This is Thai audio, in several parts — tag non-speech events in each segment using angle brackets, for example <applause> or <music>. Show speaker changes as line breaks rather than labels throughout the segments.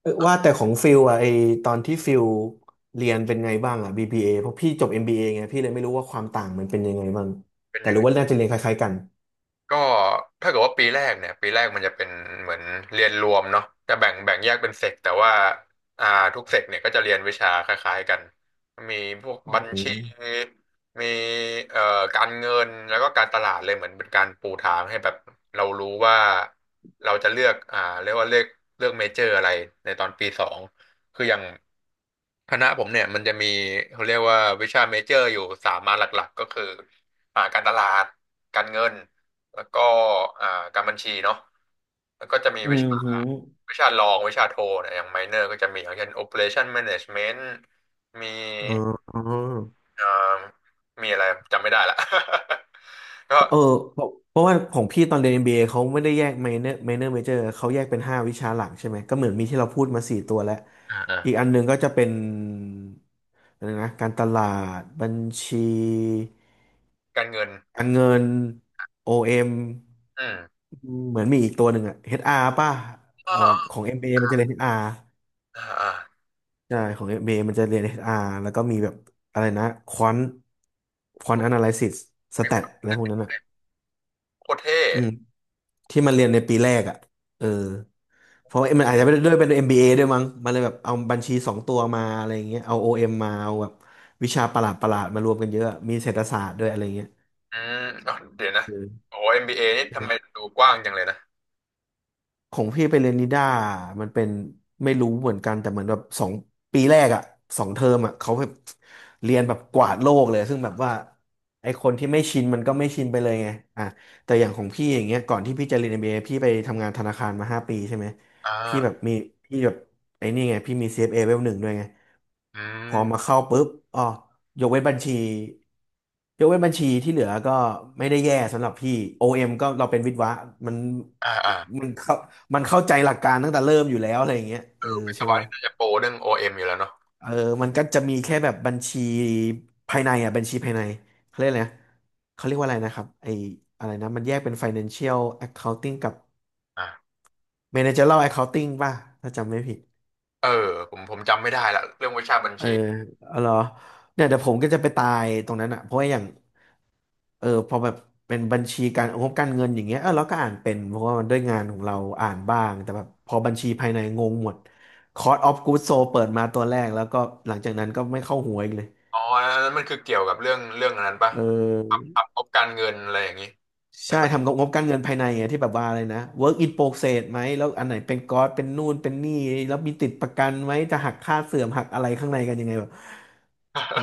เออว่าแต่ของฟิลอะไอตอนที่ฟิลเรียนเป็นไงบ้างอะ BBA เอเพราะพี่จบ MBA ไงพี่เลยไม่รู้ว่าความต่างมันเป็นยังไงบ้าง
เป็น
แต่
ยัง
รู้
ไง
ว่าน่าจะเรียนคล้ายๆกัน
ก็ถ้าเกิดว่าปีแรกเนี่ยปีแรกมันจะเป็นเหมือนเรียนรวมเนาะจะแบ่งแยกเป็นเซกแต่ว่าอ่าทุกเซกเนี่ยก็จะเรียนวิชาคล้ายๆกันมีพวก
อ
บัญ
ื
ชี
ม
มีเอ่อการเงินแล้วก็การตลาดเลยเหมือนเป็นการปูทางให้แบบเรารู้ว่าเราจะเลือกเรียกว่าเลือกเมเจอร์อะไรในตอนปีสองคืออย่างคณะผมเนี่ยมันจะมีเขาเรียกว่าวิชาเมเจอร์อยู่สามมาหลักๆก็คือการตลาดการเงิน แล้วก็อ่าการบัญชีเนาะแล้วก็จะมี
อืมหืม
วิชารองวิชาโทเนี่ยอย่างไมเนอร์ก็จะมีอย่างเช่น Operation Management มี
อ๋อ
เอ่อมีอะไรจำไม่ได้ละ <laughs> ก็
เออเพราะว่าของพี่ตอนเรียน MBA เอเขาไม่ได้แยก minor major เขาแยกเป็นห้าวิชาหลักใช่ไหมก็เหมือนมีที่เราพูดมาสี่ตัวแล้ว
อ่าอ่า
อีกอันหนึ่งก็จะเป็นอะไรนะการตลาดบัญชี
การเงิน
การเงินโอเอ็ม
อืม
เหมือนมีอีกตัวหนึ่งอะ HR ป่ะ
อ่
แต่ว่า
า
ของ MBA มเอมันจะเรียน HR
อ่าอ่า
ใช่ของ MBA มเอมันจะเรียน HR แล้วก็มีแบบอะไรนะควอนควอนแอนาลิซิส s
ม
แตท
ี
อะไรพวกนั้นอะ
โคตรเท่
อืมที่มันเรียนในปีแรกอะเออเพราะว่ามันอาจจะไม่ได้ด้วยเป็น MBA ด้วยมั้งมันเลยแบบเอาบัญชีสองตัวมาอะไรอย่างเงี้ยเอา OM มมาเอาแบบวิชาประหลาดมารวมกันเยอะ มีเศรษฐศาสตร์ด้วยอะไรเงี้ย
อืมอ๋อเดี๋ยวนะ
เอ
โอ้ MBA นี่ทำไม
อ
ดูกว้างจังเลยนะ
ของพี่ไปเรียนนิด้ามันเป็นไม่รู้เหมือนกันแต่เหมือนแบบสองปีแรกอะสองเทอมอะเขาแบบเรียนแบบกวาดโลกเลยซึ่งแบบว่าไอคนที่ไม่ชินมันก็ไม่ชินไปเลยไงอ่ะแต่อย่างของพี่อย่างเงี้ยก่อนที่พี่จะเรียน MBA พี่ไปทำงานธนาคารมาห้าปีใช่ไหม
อ่
พี่
า
แบบมีพี่แบบไอ้นี่ไงพี่มี CFA เอฟเอเลเวลหนึ่งด้วยไง
อื
พอ
ม
มาเข้าปุ๊บอ๋อยกเว้นบัญชียกเว้นบัญชีที่เหลือก็ไม่ได้แย่สำหรับพี่ OM ก็เราเป็นวิศวะมัน
อ่าอ่า
มันเข้ามันเข้าใจหลักการตั้งแต่เริ่มอยู่แล้วอะไรอย่างเงี้ย
เอ
เออ
อวิศ
ใช่
วะ
ป่ะ
นี่น่าจะโปรเรื่อง OM อเอ็มอยู่แล้วเนาะ
เออมันก็จะมีแค่แบบบัญชีภายในอ่ะบัญชีภายในเขาเรียกอะไรนะเขาเรียกว่าอะไรนะครับไออะไรนะมันแยกเป็น financial accounting กับ
อ่า
managerial accounting ป่ะถ้าจำไม่ผิด
เออผมจำไม่ได้ละเรื่องวิชาบัญ
เออ
ชี
เอาเหรอเนี่ยเดี๋ยวผมก็จะไปตายตรงนั้นอ่ะเพราะว่าอย่าง เออพอแบบเป็นบัญชีการงบการเงินอย่างเงี้ยเออเราก็อ่านเป็นเพราะว่ามันด้วยงานของเราอ่านบ้างแต่แบบพอบัญชีภายในงงหมด Cost of Goods Sold เปิดมาตัวแรกแล้วก็หลังจากนั้นก็ไม่เข้าหัวอีกเลย
อ๋ออันนั้นมันคือเกี่ยวกับเรื่องอันนั้นปะ
เออ
ทำงบการเงินอะไรอย่างนี้ใน
ใช่ทำ
<laughs>
กับงบการเงินภายในไงที่แบบว่าอะไรนะ work in progress ไหมแล้วอันไหนเป็นก๊อตเป็นนู่นเป็นนี่แล้วมีติดประกันไหมจะหักค่าเสื่อมหักอะไรข้างในกันยังไงแบบ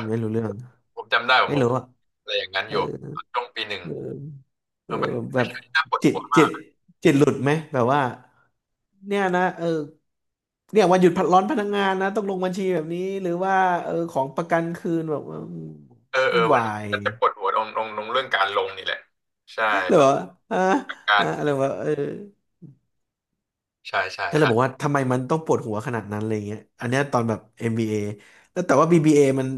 ไม่รู้เรื่อง
ผมจำได้ผม
ไม่
ผม
รู้อ่ะ
อะไรอย่างนั้น
เอ
อยู่ตอนช่วงปีหนึ่ง
อ เอ
เรา
อแบ
ไม่
บ
ใช่ที่น่าปวด
จิต
หัวมา
จิต
ก
จิตหลุดไหมแบบว่าเนี่ยนะเออเนี่ยวันหยุดพักร้อนพนักงานนะต้องลงบัญชีแบบนี้หรือว่าเออของประกันคืนแบบว่า
เออเออ
วุ่น
มัน
วาย
มันจะปวดหัวตรงเรื่องการลงนี่แหละใช่
<laughs> หรือ
แบบ
ว่าอ่า
กา
อะไร
ร
วะเออ
ใช่ใช่
ก็เลยบอกว่าทำไมมันต้องปวดหัวขนาดนั้นอะไรเงี้ยอันเนี้ยตอนแบบ MBA แล้วแต่ว่า BBA มัน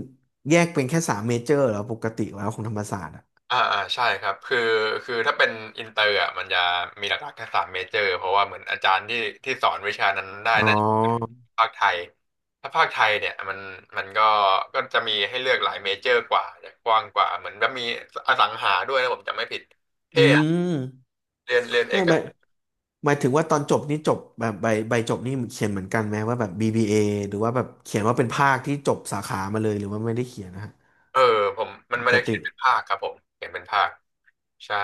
แยกเป็นแค่สามเมเจอร์เหรอปกติแล้วของธรรมศาสตร์อะ
ใช่ครับคือถ้าเป็นอินเตอร์อ่ะมันจะมีหลักๆแค่สามเมเจอร์เพราะว่าเหมือนอาจารย์ที่สอนวิชานั้นได้
อ๋อ
น่าจะเป็นภาคไทยถ้าภาคไทยเนี่ยมันก็จะมีให้เลือกหลายเมเจอร์กว่าจะกว้างกว่าเหมือนแบบมีอสังหาด้วยนะผมจำไม่ผิด
อื
เท่อะ
ม
เรียนเอ
ไม่
ก
ไม่หมายถึงว่าตอนจบนี่จบแบบใบใบจบนี่เขียนเหมือนกันไหมว่าแบบ BBA หรือว่าแบบเขียนว่าเป็นภาคที่จบสาขามาเลยหรือว่าไม่ได้เขียนนะฮะ
เออผมมัน
ป
มันจะ
ก
เขี
ติ
ยนเป็นภาคครับผมเขียนเป็นภาคใช่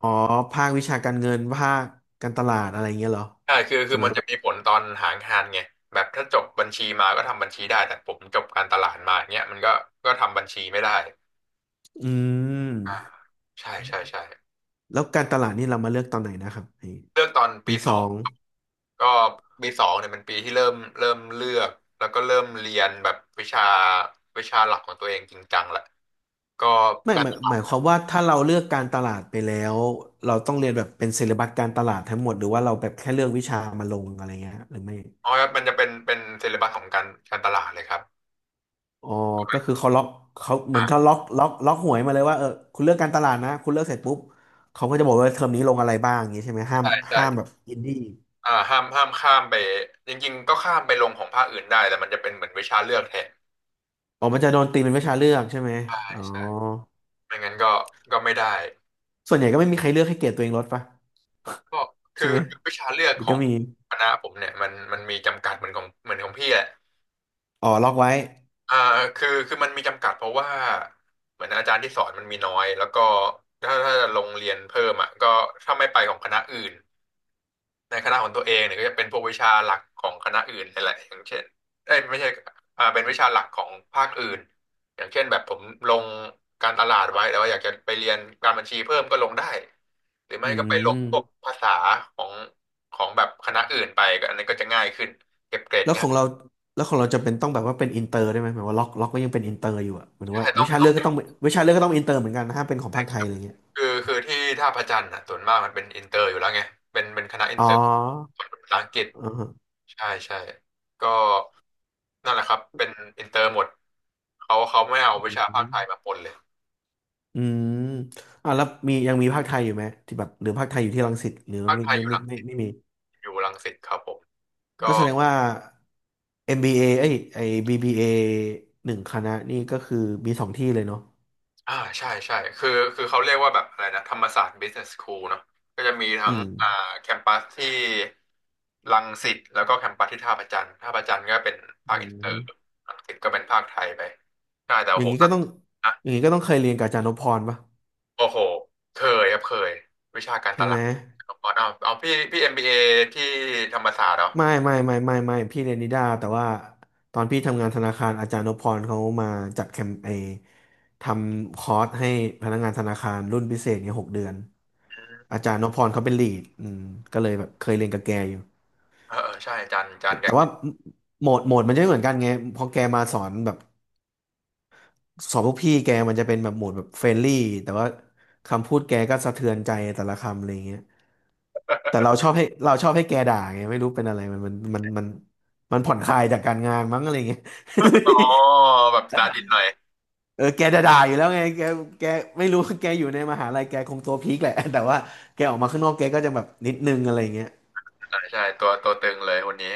อ๋อภาควิชาการเงินภาคการตลาดอะไรเงี้ยเหรอ
ใช่คือคื
ใช่
อ
ไหม
มันจะมีผลตอนหางานไงแบบถ้าจบบัญชีมาก็ทำบัญชีได้แต่ผมจบการตลาดมาอย่างเงี้ยมันก็ทำบัญชีไม่ได้
อื
อ่า
ม
ใช่ใช่ใช่
แล้วการตลาดนี่เรามาเลือกตอนไหนนะครับไอ้
เลือกตอน
ปี
ปีส
ส
อ
อ
ง
ง
ก็ปีสองเนี่ยเป็นปีที่เริ่มเลือกแล้วก็เริ่มเรียนแบบวิชาหลักของตัวเองจริงจังแหละก็
ไม่
อัน
หมาย
นี้
หมายความว่าถ้าเราเลือกการตลาดไปแล้วเราต้องเรียนแบบเป็นเซเลบัสการตลาดทั้งหมดหรือว่าเราแบบแค่เลือกวิชามาลงอะไรเงี้ยหรือไม่
น้อยครับมันจะเป็นเซเลบัสของการตลาดเลยครับ
อ๋อก็คือเขาล็อกเขาเหมือนเขาล็อกหวยมาเลยว่าเออคุณเลือกการตลาดนะคุณเลือกเสร็จปุ๊บเขาก็จะบอกว่าเทอมนี้ลงอะไรบ้างอย่างนี้ใช่ไหมห้าม
ใช่ใช่
ห้ามแบบอินดี้
ห้ามข้ามไปจริงๆก็ข้ามไปลงของภาคอื่นได้แต่มันจะเป็นเหมือนวิชาเลือกแทน
อ๋อมันจะโดนตีเป็นวิชาเลือกใช่ไหม
ใช่
อ๋อ
ใช่ไม่งั้นก็ไม่ได้
ส่วนใหญ่ก็ไม่มีใครเลือกให้เกรดตัวเองลดปะ
ก็คื
ใช่
อ
ไหม
วิชาเลือก
หรือ
ขอ
ก็
ง
มี
คณะผมเนี่ยมันมีจำกัดเหมือนของเหมือนของพี่แหละ
อ๋อล็อกไว้
อ่าคือมันมีจำกัดเพราะว่าเหมือนอาจารย์ที่สอนมันมีน้อยแล้วก็ถ้าจะลงเรียนเพิ่มอ่ะก็ถ้าไม่ไปของคณะอื่นในคณะของตัวเองเนี่ยก็จะเป็นพวกวิชาหลักของคณะอื่นนั่นแหละอย่างเช่นเอ้ยไม่ใช่เป็นวิชาหลักของภาคอื่นอย่างเช่นแบบผมลงการตลาดไว้แต่ว่าอยากจะไปเรียนการบัญชีเพิ่มก็ลงได้หรือไม่
อื
ก็ไปลง
ม
พวกภาษาของแบบคณะอื่นไปก็อันนี้นก็จะง่ายขึ้นเก็บเกรด
แล้วข
ง่า
อง
ย
เราแล้วของเราจะเป็นต้องแบบว่าเป็นอินเตอร์ได้ไหมหมายว่าล็อกก็ยังเป็นอินเตอร์อยู่อะหมายถึง
ใช่
ว่า
ต้อ
วิ
ง
ชา
ต้
เลื
อง
อกก็ต้องวิชาเลือกก็ต้องอินเตอร์เหมือนกันนะห้ามเป็นของภาคไทยอะไรเงี้ย
คือที่ท่าพระจันทร์อ่ะส่วนมากมันเป็นอินเตอร์อยู่แล้วไงเป็นคณะอิน
อ๋อ
เตอร์สอนภาษาอังกฤษ
อ๋
ใช่ใช่ก็นั่นแหละครับเป็นอินเตอร์หมดเขาไม่เอาวิ
อ
ชาภาคไทยมาปนเลย
อืมอ่ะแล้วมียังมีภาคไทยอยู่ไหมที่แบบหรือภาคไทยอยู่ที่รังสิตหรือ
ภาคไทยอยู่
ไม่มี
รังสิตครับผม
ก็
ก็
แสดงว่า MBA เอเอ้ยไอ้ BBA หนึ่งคณะนี่ก็คือมีสองที่เลยเนาะ
ใช่ใช่คือเขาเรียกว่าแบบอะไรนะธรรมศาสตร์ Business School เนาะก็จะมีทั้
อื
ง
ม
แคมปัสที่รังสิตแล้วก็แคมปัสที่ท่าพระจันทร์ก็เป็นภา
อื
คอินเตอร์
ม
รังสิตก็เป็นภาคไทยไปใช่แต่
อย่าง
โห
นี้
หนั
ก็ต้อง
ก
อย่างนี้ก็ต้องเคยเรียนกับอาจารย์นพพรป่ะ
โอ้โหเคยครับเคยวิชาการต
ใช่ไห
ลา
ม
ดเอาพี่เอ็มบีเอที่ธรรมศาสตร์เหรอ
ไม่ไม่ไม่ไม่ไม่พี่เรียนนิด้าแต่ว่าตอนพี่ทำงานธนาคารอาจารย์นพพรเขามาจัดแคมเปญทำคอร์สให้พนักงานธนาคารรุ่นพิเศษเนี่ย6 เดือน
อืม
อาจารย์นพพรเขาเป็นลีดก็เลยแบบเคยเรียนกับแกอยู่
เออเออใช่จันจั
แต่
นกั
แต่
บ
ว่า
กิ๊บ
โหมดมันจะไม่เหมือนกันไงเพอแกมาสอนแบบ สอบพวกพี่แกมันจะเป็นแบบโหมดแบบเฟรนลี่แต่ว่าคำพูดแกก็สะเทือนใจแต่ละคำอะไรเงี้ยแต่เราชอบให้เราชอบให้แกด่าไงไม่รู้เป็นอะไรมันมันผ่อนคลายจากการงานมั้งอะไรเงี้ย
อ๋อแบบสตาร์ดิตหน่อย
<laughs> เออแกจะด่าอยู่แล้วไงแกไม่รู้แกอยู่ในมหาลัยแกคงตัวพีคแหละแต่ว่าแกออกมาข้างนอกแกก็จะแบบนิดนึงอะไรเงี้ย
ใช่ใช่ตัวตึงเลยคนนี้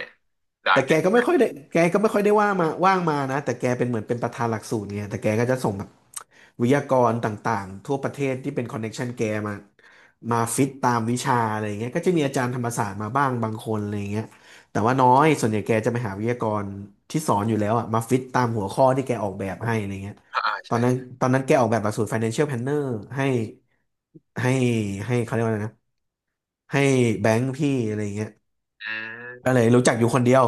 ด่า
แต่แก
เก่ง
ก็ไม่ค่อยได้แกก็ไม่ค่อยได้ว่ามาว่างมานะแต่แกเป็นเหมือนเป็นประธานหลักสูตรไงแต่แกก็จะส่ง วิทยากรต่างๆทั่วประเทศที่เป็นคอนเน็กชันแกมามาฟิตตามวิชาอะไรอย่างเงี้ยก็จะมีอาจารย์ธรรมศาสตร์มาบ้างบางคนอะไรอย่างเงี้ยแต่ว่าน้อยส่วนใหญ่แกจะไปหาวิทยากรที่สอนอยู่แล้วอะมาฟิตตามหัวข้อที่แกออกแบบให้อะไรเงี้ยตอ
ใช่
นนั้นตอนนั้นแกออกแบบหลักสูตร Financial Planner ให้ให้ให้เขาเรียกว่าอะไรนะให้แบงค์พี่อะไรเงี้ย
อื
ก็
ม
เลยรู้จักอยู่คนเดียว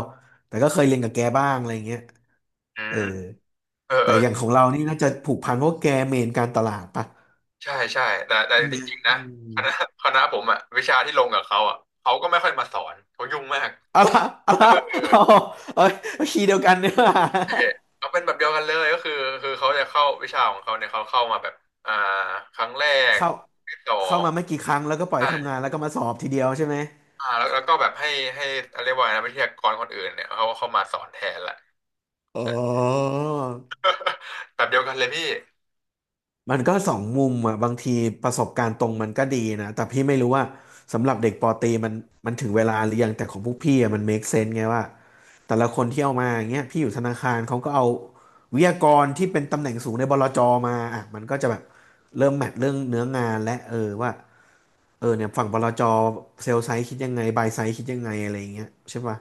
แต่ก็เคยเรียนกับแกบ้างอะไรเงี้ย
อื
เออ
มเออเอ
แต่
อ
อย่างของเรานี่น่าจะผูกพันเพราะแกเมนการตลาดปะ
ใช่ใช่แต่
ใช่ไห
จ
ม
ริงๆนะ
อื
ค
ม
ณะคณะผมอะวิชาที่ลงกับเขาอะเขาก็ไม่ค่อยมาสอนเขายุ่งมาก
เอาละ
เออ
เอาเอาเอาคีย์เดียวกันเนี่ย
เขาเป็นแบบเดียวกันเลยก็คือเขาจะเข้าวิชาของเขาเนี่ยเขาเข้ามาแบบอ่าครั้งแรก
เข้า
ที่สอ
เข้า
ง
มาไม่กี่ครั้งแล้วก็ปล่อยให้ทำงานแล้วก็มาสอบทีเดียวใช่ไหม
แล้วก็แบบให้เรียกว่าไงนะวิทยากรคนอื่นเนี่ยเขาเข้ามาสอนแทนแหละ
อ๋
ใช่
อ
<laughs> แบบเดียวกันเลยพี่
มันก็สองมุมอ่ะบางทีประสบการณ์ตรงมันก็ดีนะแต่พี่ไม่รู้ว่าสำหรับเด็กปอตรีมันถึงเวลาหรือยังแต่ของพวกพี่อ่ะมัน make sense ไงว่าแต่ละคนที่เอามาอย่างเงี้ยพี่อยู่ธนาคารเขาก็เอาวิทยากรที่เป็นตำแหน่งสูงในบลจมาอ่ะมันก็จะแบบเริ่มแมทเรื่องเนื้องานและเออว่า เออเนี่ยฝั่งบลจเซลล์ไซส์คิดยังไงบายไซส์คิดยังไงอะไรอย่างเงี้ยใช่ป่ะ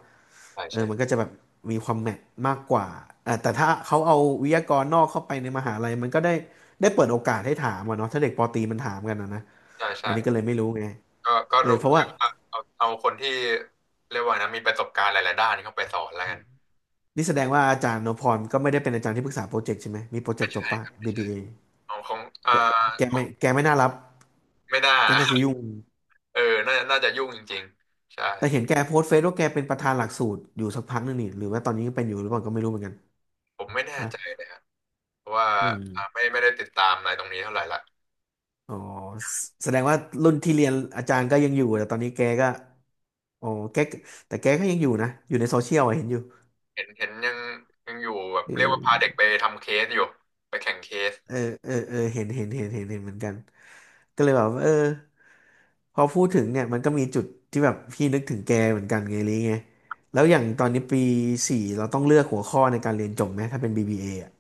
ใช่
เออมันก็
ใช่
จะแบบมีความแมทมากกว่าเออแต่ถ้าเขาเอาวิทยากรนอกเข้าไปในมหาลัยมันก็ได้ได้เปิดโอกาสให้ถามอะเนาะถ้าเด็กปอตรีมันถามกันอะนะ
ใช่
อั
ใช่
นนี้ก็เลยไม่รู้ไง
ก็
เออ
รู้
เพราะ
เรี
ว่า
ยกว่าเอาคนที่เรียกว่าไงนะมีประสบการณ์หลายๆด้านเข้าไปสอนแล้วกัน
นี่แสดงว่าอาจารย์นพพรก็ไม่ได้เป็นอาจารย์ที่ปรึกษาโปรเจกต์ใช่ไหมมีโปรเจ
ไม่
กต์จบ
ใช่
ป่ะ
ครับไม่ใช่
BBA
ของของ
แก
อ่า
แก
ขอ
ไม่
ง
ไม่น่ารับ
ไม่น่า
แกน่าจะยุ่ง
<laughs> เออน่าจะยุ่งจริงๆใช่
แต่เห็นแกโพสต์เฟซว่าแกเป็นประธานหลักสูตรอยู่สักพักนึงนี่หรือว่าตอนนี้ยังเป็นอยู่หรือเปล่าก็ไม่รู้เหมือนกัน
ผมไม่แน่
ว่า
ใจเลยครับเพราะว่า
อืม
ไม่ได้ติดตามอะไรตรงนี้เท่าไหร่ละ
อ๋อแสดงว่ารุ่นที่เรียนอาจารย์ก็ยังอยู่แต่ตอนนี้แกก็อ๋อแกแต่แกก็ยังอยู่นะอยู่ในโซเชียลอะเห็นอยู่
เห็นยังอยู่แบบเรียกว่า
เออ
พาเด็กไปทำเคสอยู่ไปแข่งเคส
เออเห็นเหมือนกันก็เลยแบบว่าเออพอพูดถึงเนี่ยมันก็มีจุดที่แบบพี่นึกถึงแกเหมือนกันไงลิไงแล้วอย่างตอนนี้ปี 4เราต้องเลือกหัวข้อในการเรียนจบไหมถ้าเป็น BBA ออะ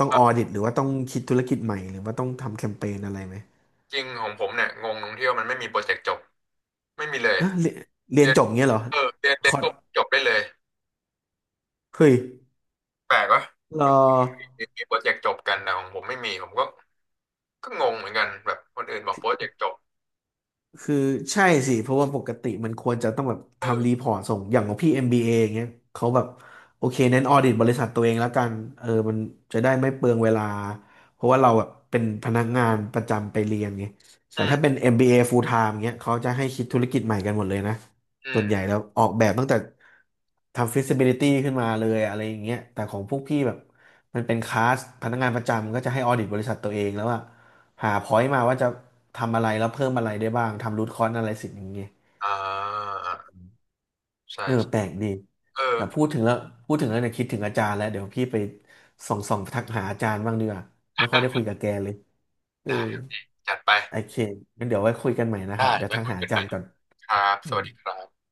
ต้องออ
อ่า
ดิตหรือว่าต้องคิดธุรกิจใหม่หรือว่าต้องทำแคมเปญอะไรไหม
จริงของผมเนี่ยงงตรงที่ว่ามันไม่มีโปรเจกต์จบไม่มีเลย
อ่ะเรียน
เรียน
จบเงี้ยเหรอ
เออเรียน
ค
เรียน
อร์ส
ก็จบได้เลย
เฮ้ย
แปลกวะ
รอ
มีโปรเจกต์จบกันแต่ของผมไม่มีผมก็งงเหมือนกันแบบคนอื่นบอกโปรเจกต์จบ
คือใช่สิเพราะว่าปกติมันควรจะต้องแบบทำรีพอร์ตส่งอย่างของพี่ MBA อมบีเออย่างเงี้ยเขาแบบโอเคเน้นออดิตบริษัทตัวเองแล้วกันเออมันจะได้ไม่เปลืองเวลาเพราะว่าเราแบบเป็นพนักงานประจำไปเรียนไง
อื
แต่ถ้าเป็น
ม
MBA full time เงี้ยเขาจะให้คิดธุรกิจใหม่กันหมดเลยนะ
อื
ส่วนใหญ่
ม
แล้วออกแบบตั้งแต่ทำ feasibility ขึ้นมาเลยอะไรอย่างเงี้ยแต่ของพวกพี่แบบมันเป็นคลาสพนักงานประจำก็จะให้ออดิตบริษัทตัวเองแล้วอะ หาพอยต์มาว่าจะทำอะไรแล้วเพิ่มอะไรได้บ้างทำรูทคอ s อะไรสิ่งอย่างเงี้ย
อ่าใช่
เออ
ใช่
แปลกดี
เออ
แต่พูดถึงแล้วเนี่ยคิดถึงอาจารย์แล้วเดี๋ยวพี่ไปส่องทักหาอาจารย์บ้างดีกว่าไม่ค่อยได้คุย
<laughs>
กับแกเลยเออ
ได้จัดไป
โอเคงั้นเดี๋ยวไว้คุยกันใหม่นะครับ
ได้
เดี๋ยว
ไว้
ทัก
คุย
หา
กั
อา
นให
จา
ม่
รย์ก่อน
ครับ
อื
สวั
ม
สดีครับ